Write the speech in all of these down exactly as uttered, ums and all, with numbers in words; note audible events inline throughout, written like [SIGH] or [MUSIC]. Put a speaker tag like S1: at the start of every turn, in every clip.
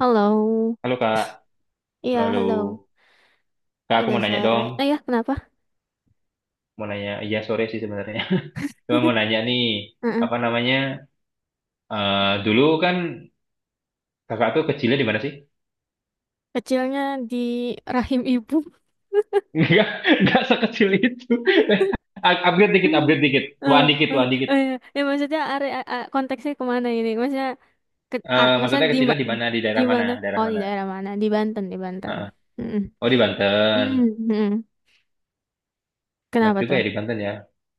S1: Halo,
S2: Halo Kak, halo,
S1: iya
S2: halo.
S1: halo.
S2: Kak, aku
S1: Udah
S2: mau nanya
S1: sore.
S2: dong,
S1: Eh, ya, kenapa?
S2: mau nanya, iya sore sih sebenarnya. [LAUGHS] Cuma mau
S1: [LAUGHS]
S2: nanya nih,
S1: Heeh.
S2: apa namanya, eh, dulu kan kakak tuh kecilnya di mana sih?
S1: Kecilnya di rahim ibu.
S2: [LAUGHS] Enggak, enggak sekecil itu.
S1: [LAUGHS]
S2: [LAUGHS] Up- Upgrade dikit, upgrade dikit, tuan
S1: Eh,
S2: dikit,
S1: eh,
S2: tuan dikit.
S1: eh, ya Ya, maksudnya are- a- a- konteksnya kemana ini? Maksudnya ke,
S2: Eh,
S1: ar- maksudnya
S2: maksudnya
S1: di
S2: kecilnya
S1: ma-
S2: di mana, di
S1: di
S2: daerah mana,
S1: mana?
S2: daerah
S1: Oh, di
S2: mana?
S1: daerah mana? Di Banten, di Banten.
S2: Heeh.
S1: Mm-mm.
S2: Oh di Banten,
S1: mm
S2: enak
S1: Kenapa
S2: juga
S1: tuh?
S2: ya di Banten ya.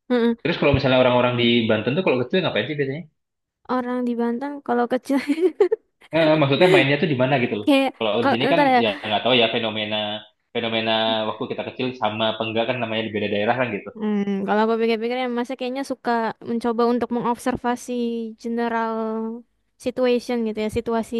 S1: mm
S2: Terus kalau misalnya orang-orang di Banten tuh kalau kecil ngapain sih biasanya?
S1: Orang di Banten kalau kecil,
S2: eh, eh, maksudnya mainnya tuh di mana gitu
S1: [LAUGHS]
S2: loh.
S1: kayak
S2: Kalau di
S1: kalau
S2: sini kan
S1: ntar ya.
S2: ya nggak tahu ya fenomena fenomena waktu kita kecil sama apa enggak kan namanya di beda daerah kan gitu.
S1: Hmm, kalau aku pikir-pikir ya masa kayaknya suka mencoba untuk mengobservasi general situation gitu ya, situasi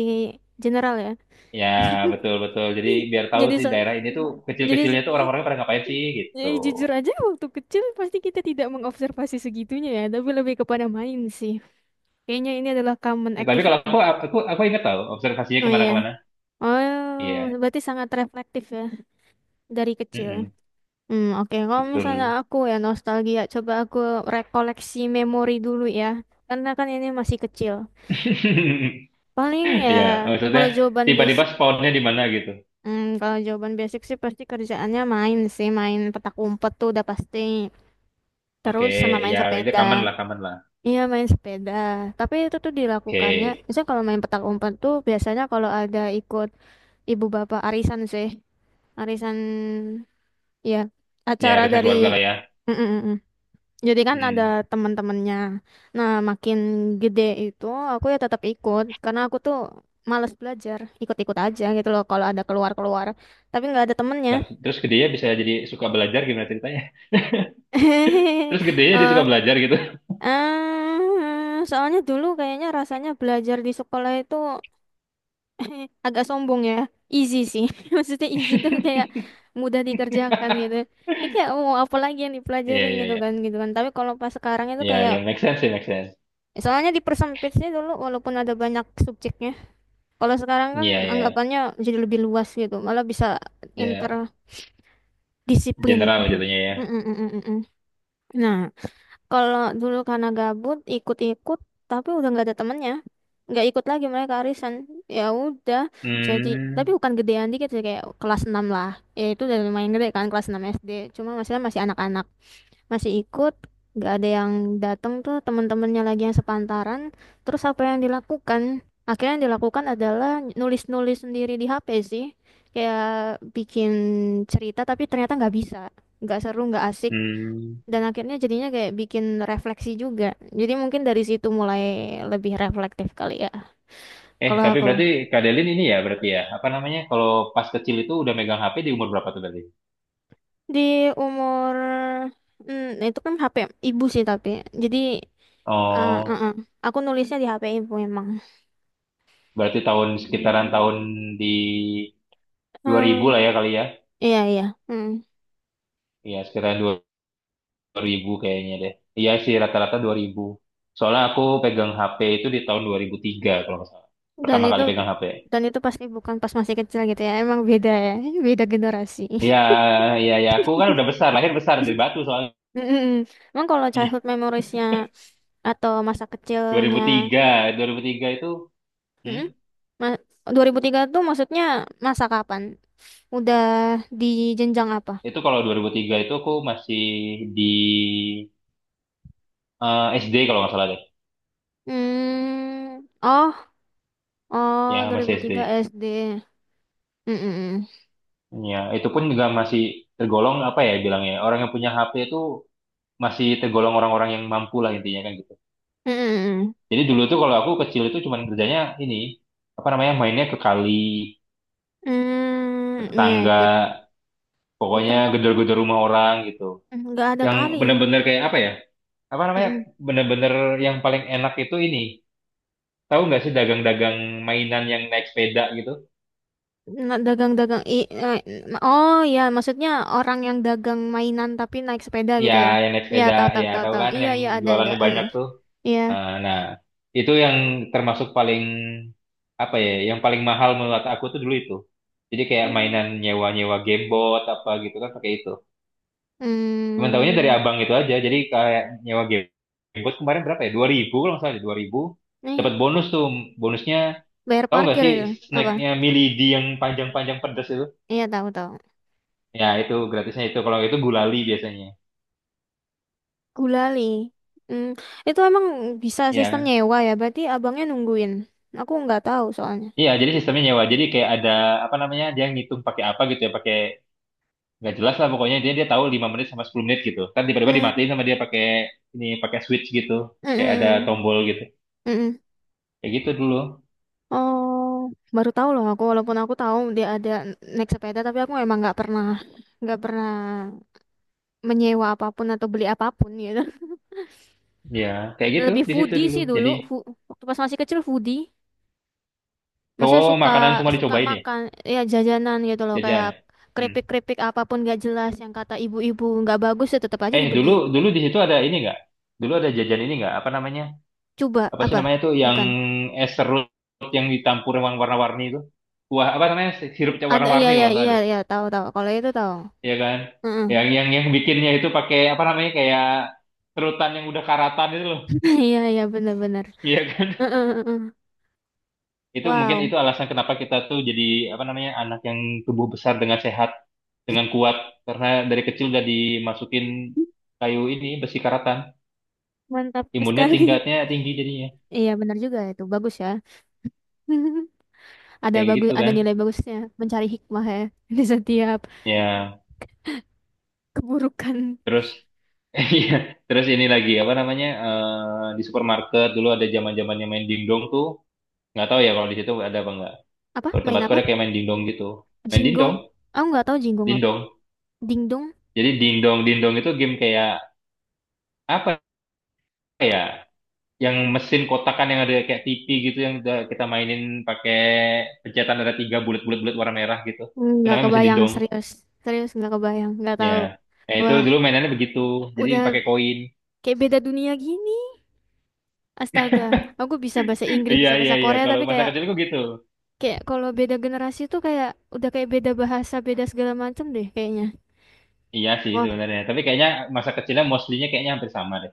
S1: general ya.
S2: Ya
S1: [LAUGHS]
S2: betul betul. Jadi biar tahu
S1: Jadi
S2: sih
S1: so,
S2: daerah ini tuh
S1: jadi
S2: kecil-kecilnya tuh orang orangnya pada ngapain sih gitu.
S1: jadi jujur aja waktu kecil pasti kita tidak mengobservasi segitunya ya, tapi lebih kepada main sih. Kayaknya ini adalah common
S2: Ya, tapi kalau
S1: activity.
S2: aku aku aku ingat tahu observasinya
S1: Oh, iya.
S2: kemana-kemana.
S1: Oh,
S2: Iya,
S1: berarti sangat reflektif ya dari kecil.
S2: Mm-mm.
S1: Hmm, oke. Kalau misalnya
S2: Betul.
S1: aku ya nostalgia, coba aku rekoleksi memori dulu ya. Karena kan ini masih kecil.
S2: [LAUGHS]
S1: Paling ya
S2: Iya, maksudnya
S1: kalau jawaban
S2: tiba-tiba
S1: basic,
S2: spawnnya di mana gitu.
S1: hmm, kalau jawaban basic sih pasti kerjaannya main sih, main petak umpet tuh udah pasti.
S2: Oke,
S1: Terus sama main
S2: ya itu common
S1: sepeda.
S2: lah, common lah.
S1: Iya, main sepeda. Tapi itu tuh dilakukannya,
S2: Oke,
S1: misalnya kalau main petak umpet tuh biasanya kalau ada ikut ibu bapak arisan sih, arisan, ya,
S2: ya
S1: acara
S2: harusnya
S1: dari.
S2: keluarga lah ya.
S1: Mm, mm, mm, mm. Jadi kan ada
S2: Hmm.
S1: teman-temannya. Nah, makin gede itu aku ya tetap ikut karena aku tuh males belajar, ikut-ikut aja gitu loh kalau ada keluar-keluar. Tapi nggak ada temennya.
S2: Nah, terus gedenya bisa jadi suka belajar gimana ceritanya? [LAUGHS]
S1: [LAUGHS]
S2: Terus gedenya dia
S1: Eh,
S2: suka belajar gitu. [LAUGHS]
S1: eh, soalnya dulu kayaknya rasanya belajar di sekolah itu [LAUGHS] agak sombong ya. Easy sih. [LAUGHS] Maksudnya easy tuh kayak mudah dikerjakan gitu. Ini kayak oh, apa lagi yang
S2: Iya,
S1: dipelajarin
S2: iya,
S1: gitu kan
S2: iya.
S1: gitu kan. Tapi kalau pas sekarang itu
S2: Iya,
S1: kayak.
S2: iya, make sense sih, make sense.
S1: Soalnya dipersempit sih dulu walaupun ada banyak subjeknya. Kalau sekarang kan
S2: Iya, iya.
S1: anggapannya jadi lebih luas gitu, malah bisa
S2: Iya,
S1: interdisiplin.
S2: general jatuhnya ya.
S1: Mm, mm, mm, mm, mm. Nah, kalau dulu karena gabut ikut-ikut, tapi udah nggak ada temennya, nggak ikut lagi mereka arisan. Ya udah, jadi, tapi
S2: Hmm,
S1: bukan gedean dikit sih kayak kelas enam lah. Ya itu udah lumayan gede kan kelas enam S D. Cuma masalah masih anak-anak, masih ikut, nggak ada yang datang tuh teman-temannya lagi yang sepantaran. Terus apa yang dilakukan, akhirnya yang dilakukan adalah nulis-nulis sendiri di H P sih, kayak bikin cerita, tapi ternyata nggak bisa, nggak seru, nggak asik.
S2: hmm.
S1: Dan akhirnya jadinya kayak bikin refleksi juga, jadi mungkin dari situ mulai lebih reflektif kali ya
S2: Eh,
S1: kalau
S2: tapi
S1: aku.
S2: berarti Kak Delin ini ya berarti ya, apa namanya, kalau pas kecil itu udah megang H P di umur berapa tuh berarti?
S1: Di umur, hmm, itu kan H P ibu sih, tapi jadi eh, eh,
S2: Oh,
S1: eh. aku nulisnya di H P ibu memang.
S2: berarti tahun sekitaran tahun di dua ribu lah ya kali ya.
S1: Iya, iya. Mm.
S2: Iya, sekitaran dua ribu kayaknya deh. Iya sih rata-rata dua ribu. Soalnya aku pegang H P itu di tahun dua ribu tiga kalau nggak salah.
S1: Dan
S2: Pertama
S1: itu
S2: kali pegang H P.
S1: dan itu pasti bukan pas masih kecil gitu ya. Emang beda ya, [LAUGHS] beda generasi.
S2: Iya,
S1: [LAUGHS]
S2: iya, ya. Aku kan udah besar, lahir besar dari Batu soalnya.
S1: Mm-mm. Emang kalau childhood memoriesnya atau masa kecilnya,
S2: dua ribu tiga, dua ribu tiga itu, hmm,
S1: mm-mm. Ma- dua ribu tiga tuh maksudnya masa kapan? Udah di jenjang apa?
S2: itu kalau dua ribu tiga itu aku masih di eh, S D kalau nggak salah deh.
S1: Hmm, oh, oh,
S2: Ya masih
S1: dua ribu tiga
S2: S D.
S1: S D. Mm-mm.
S2: Ya itu pun juga masih tergolong apa ya bilangnya. Orang yang punya H P itu masih tergolong orang-orang yang mampu lah intinya kan gitu.
S1: Mm-mm.
S2: Jadi dulu tuh kalau aku kecil itu cuman kerjanya ini, apa namanya, mainnya ke kali, ke
S1: Hmm, hmm, iya,
S2: tetangga,
S1: iya. Di
S2: pokoknya
S1: tempatku,
S2: gedor-gedor rumah orang gitu.
S1: mm, nggak ada
S2: Yang
S1: kali.
S2: bener-bener kayak apa ya? Apa namanya? Bener-bener yang paling enak itu ini. Tahu nggak sih dagang-dagang mainan yang naik sepeda gitu?
S1: Nah, dagang-dagang, i eh, oh ya, maksudnya orang yang dagang mainan tapi naik sepeda
S2: Ya,
S1: gitu ya,
S2: yang naik
S1: ya,
S2: sepeda,
S1: tahu, tahu,
S2: ya
S1: tahu,
S2: tahu
S1: tahu,
S2: kan
S1: iya,
S2: yang
S1: iya, ada, ada.
S2: jualannya
S1: Heeh.
S2: banyak tuh.
S1: Iya.
S2: Nah, nah, itu yang termasuk paling apa ya? Yang paling mahal menurut aku tuh dulu itu. Jadi kayak
S1: Hmm.
S2: mainan nyewa-nyewa gamebot apa gitu kan pakai itu. Cuman tahunya dari
S1: hmm
S2: abang itu aja. Jadi kayak nyewa game. Gamebot kemarin berapa ya? dua ribu kalau nggak salah, dua ribu. Dapat
S1: Nih,
S2: bonus tuh. Bonusnya
S1: bayar
S2: tahu nggak
S1: parkir
S2: sih
S1: itu apa?
S2: snacknya Milady yang panjang-panjang pedas itu?
S1: Iya, tahu, tahu.
S2: Ya itu gratisnya itu. Kalau itu gulali biasanya.
S1: Gulali. hmm itu emang bisa sistem
S2: Ya.
S1: nyewa ya, berarti abangnya nungguin, aku nggak tahu soalnya.
S2: Iya, jadi sistemnya nyewa. Jadi kayak ada apa namanya? Dia ngitung pakai apa gitu ya, pakai nggak jelas lah pokoknya dia dia tahu lima menit sama sepuluh menit gitu. Kan tiba-tiba dimatiin
S1: Hmm,
S2: sama dia pakai ini pakai switch gitu.
S1: hmm,
S2: Kayak ada
S1: hmm,
S2: tombol gitu.
S1: hmm, hmm.
S2: Kayak gitu dulu.
S1: Oh, baru tahu loh aku, walaupun aku tahu dia ada naik sepeda, tapi aku emang nggak pernah, nggak pernah menyewa apapun atau beli apapun gitu.
S2: Ya, kayak
S1: [LAUGHS]
S2: gitu
S1: Lebih
S2: di situ
S1: foodie
S2: dulu.
S1: sih dulu,
S2: Jadi
S1: fu- waktu pas masih kecil foodie. Maksudnya
S2: oh,
S1: suka,
S2: makanan semua
S1: suka
S2: dicobain ya,
S1: makan, ya jajanan gitu loh kayak
S2: jajan. Hmm.
S1: keripik-keripik apapun gak jelas yang kata ibu-ibu nggak bagus ya tetap aja
S2: Eh, dulu
S1: dibeli.
S2: dulu di situ ada ini nggak? Dulu ada jajan ini nggak? Apa namanya?
S1: Coba
S2: Apa sih
S1: apa?
S2: namanya tuh yang
S1: Bukan.
S2: es serut yang ditampur yang warna-warni itu? Wah, apa namanya? Sirupnya
S1: Ada, iya,
S2: warna-warni kalau
S1: iya,
S2: nggak salah
S1: iya,
S2: deh.
S1: iya, tahu, tahu. Kalau itu tahu.
S2: Iya kan?
S1: Heeh.
S2: Yang yang yang bikinnya itu pakai apa namanya? Kayak serutan yang udah karatan itu loh.
S1: [LAUGHS] Iya, iya, benar-benar.
S2: Iya kan?
S1: Heeh, heeh, heeh.
S2: [LAUGHS] Itu mungkin
S1: Wow,
S2: itu alasan kenapa kita tuh jadi apa namanya? Anak yang tubuh besar dengan sehat, dengan kuat karena dari kecil udah dimasukin kayu ini besi karatan.
S1: mantap
S2: Imunnya
S1: sekali. [LAUGHS]
S2: tingkatnya tinggi jadinya
S1: Iya, benar juga, itu bagus ya. [LAUGHS] Ada
S2: kayak
S1: bagus,
S2: gitu
S1: ada
S2: kan
S1: nilai bagusnya, mencari hikmah ya [LAUGHS] di setiap
S2: ya.
S1: keburukan.
S2: Terus [LAUGHS] iya terus ini lagi apa namanya eh, di supermarket dulu ada zaman zamannya main dingdong tuh, nggak tahu ya kalau di situ ada apa enggak.
S1: Apa?
S2: Kalau di
S1: Main
S2: tempatku
S1: apa?
S2: ada kayak main dingdong gitu, main
S1: Jinggong,
S2: dingdong
S1: aku nggak tahu jinggong apa.
S2: dingdong.
S1: Dingdong.
S2: Jadi dingdong dingdong itu game kayak apa ya, yang mesin kotakan yang ada kayak tivi gitu, yang udah kita mainin pakai pencetan ada tiga bulat-bulat bulat warna merah gitu. Itu
S1: Nggak
S2: namanya mesin
S1: kebayang,
S2: dindong
S1: serius, serius nggak kebayang, nggak
S2: ya.
S1: tahu.
S2: Nah, itu
S1: Wah,
S2: dulu mainannya begitu. Jadi
S1: udah
S2: pakai koin.
S1: kayak beda dunia gini, astaga. Aku bisa bahasa Inggris,
S2: Iya
S1: bisa
S2: iya
S1: bahasa
S2: iya.
S1: Korea,
S2: Kalau
S1: tapi
S2: masa
S1: kayak
S2: kecilku gitu.
S1: kayak kalau beda generasi tuh kayak udah kayak beda bahasa, beda segala macam deh kayaknya.
S2: Iya sih
S1: Wah.
S2: sebenarnya. Tapi kayaknya masa kecilnya mostly-nya kayaknya hampir sama deh.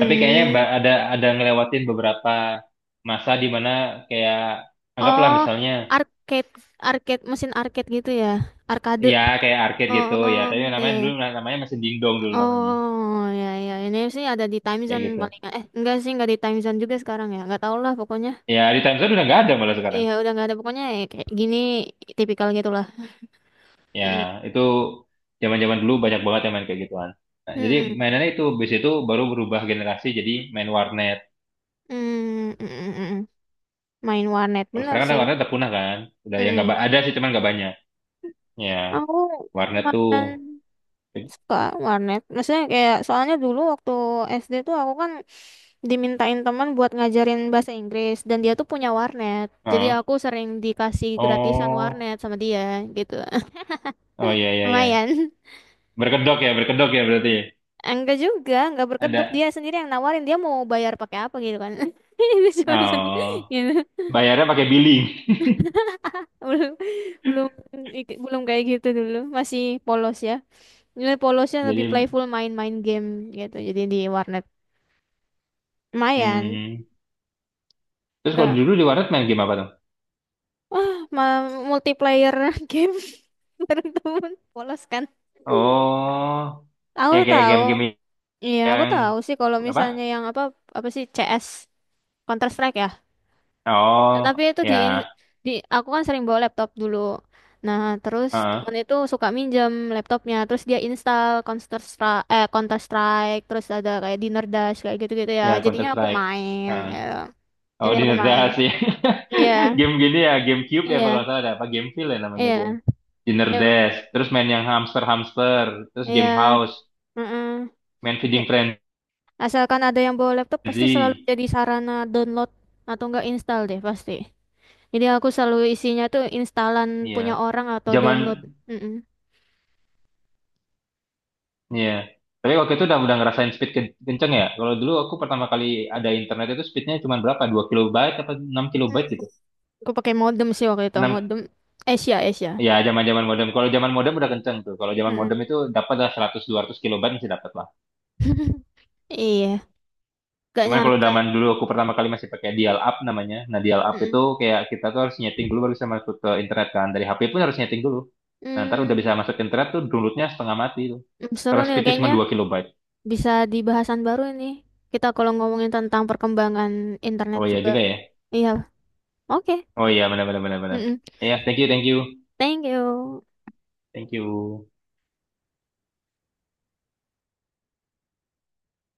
S2: Tapi kayaknya ba- ada ada ngelewatin beberapa masa di mana kayak anggaplah
S1: oh,
S2: misalnya
S1: arcade, arcade, mesin arcade gitu ya, arcade.
S2: ya kayak arcade gitu ya.
S1: Oh,
S2: Tapi
S1: iya,
S2: namanya
S1: iya.
S2: dulu namanya masih dingdong dulu namanya.
S1: Oh ya, ya, ini sih ada di Time
S2: Kayak
S1: Zone
S2: gitu.
S1: paling, eh, enggak sih, enggak di Time Zone juga sekarang ya, nggak tahu lah pokoknya.
S2: Ya di Time Zone udah nggak ada malah sekarang.
S1: Iya udah nggak ada pokoknya, ya kayak gini, tipikal gitulah,
S2: Ya
S1: mm.
S2: itu zaman-zaman dulu banyak banget yang main kayak gituan. Nah, jadi
S1: Mm,
S2: mainannya itu bis itu baru berubah generasi jadi main warnet.
S1: mm, mm, mm, mm, mm. Main warnet,
S2: Kalau
S1: bener
S2: sekarang kan
S1: sih.
S2: warnet udah punah kan. Udah
S1: Mm,
S2: yang nggak
S1: mm.
S2: ba- ada sih cuman nggak banyak. Ya.
S1: Aku
S2: Warnet tuh.
S1: lumayan suka warnet, maksudnya kayak soalnya dulu waktu S D tuh aku kan dimintain teman buat ngajarin bahasa Inggris dan dia tuh punya warnet, jadi
S2: Heeh.
S1: aku sering dikasih gratisan
S2: Oh,
S1: warnet sama dia gitu.
S2: oh ya
S1: [LAUGHS]
S2: ya ya.
S1: Lumayan.
S2: Berkedok ya, berkedok ya berarti. Ya?
S1: [LAUGHS] Enggak juga, enggak berkedok, dia
S2: Ada.
S1: sendiri yang nawarin, dia mau bayar pakai apa gitu kan. [LAUGHS] Dia cuma bisa
S2: Oh,
S1: gitu.
S2: bayarnya pakai billing.
S1: Belum belum ik- belum kayak gitu, dulu masih polos ya, ini polosnya
S2: [LAUGHS] Jadi,
S1: lebih playful, main-main game gitu, jadi di warnet lumayan.
S2: hmm. Terus kalau
S1: Enggak,
S2: dulu di warnet main game apa tuh?
S1: wah, ma- multiplayer [LAUGHS] game bareng temen polos kan.
S2: Oh,
S1: Aku
S2: yang kayak
S1: tahu.
S2: game-game
S1: Iya, aku
S2: yang
S1: tahu sih kalau
S2: apa?
S1: misalnya yang apa, apa sih, C S, Counter Strike ya. Tapi
S2: Oh,
S1: itu di,
S2: ya,
S1: di aku kan sering bawa laptop dulu. Nah, terus
S2: Heeh.
S1: temen itu suka minjem laptopnya, terus dia install Counter Strike, eh, Counter Strike, terus ada kayak Dinner Dash kayak gitu-gitu ya.
S2: Ya Counter
S1: Jadinya aku
S2: Strike.
S1: main,
S2: Heeh.
S1: gitu.
S2: Oh,
S1: Jadi aku
S2: Dinner
S1: main.
S2: Dash ya.
S1: Iya,
S2: [LAUGHS] Game gini ya, GameCube ya kalau
S1: iya,
S2: salah ada apa Gameville ya namanya itu.
S1: iya,
S2: Dinner
S1: iya,
S2: Dash, terus main yang hamster-hamster, terus
S1: iya.
S2: game house.
S1: Mm-mm.
S2: Main Feeding Frenzy.
S1: Asalkan ada yang bawa laptop, pasti selalu jadi sarana download atau enggak install deh pasti. Jadi aku selalu isinya tuh instalan
S2: Iya
S1: punya orang atau
S2: zaman,
S1: download. Mm-mm.
S2: iya tapi waktu itu udah udah ngerasain speed ke- kenceng ya. Kalau dulu aku pertama kali ada internet itu speednya cuma berapa, dua kilobyte apa enam kilobyte gitu.
S1: Aku pakai modem sih waktu itu,
S2: Enam?
S1: modem Asia, Asia.
S2: Ya zaman zaman modem, kalau zaman modem udah kenceng tuh. Kalau zaman
S1: Mm-mm.
S2: modem itu dapat lah seratus dua ratus kilobyte masih dapat lah.
S1: [LAUGHS] Iya, gak
S2: Cuman kalau
S1: nyangka.
S2: zaman dulu aku pertama kali masih pakai dial up namanya. Nah dial up itu
S1: Mm-mm.
S2: kayak kita tuh harus nyeting dulu baru bisa masuk ke internet kan, dari H P pun harus nyeting dulu. Nah ntar udah
S1: Mm,
S2: bisa masuk ke internet tuh downloadnya setengah mati tuh.
S1: mm, Seru
S2: Terus
S1: nih
S2: speednya cuma
S1: kayaknya.
S2: dua kilobyte.
S1: Bisa di bahasan baru ini. Kita kalau ngomongin tentang perkembangan internet
S2: Oh iya
S1: juga.
S2: juga ya.
S1: Iya, oke.
S2: Oh iya benar benar benar benar.
S1: Mm-mm.
S2: Ya, thank you, thank you.
S1: Thank you.
S2: Thank you.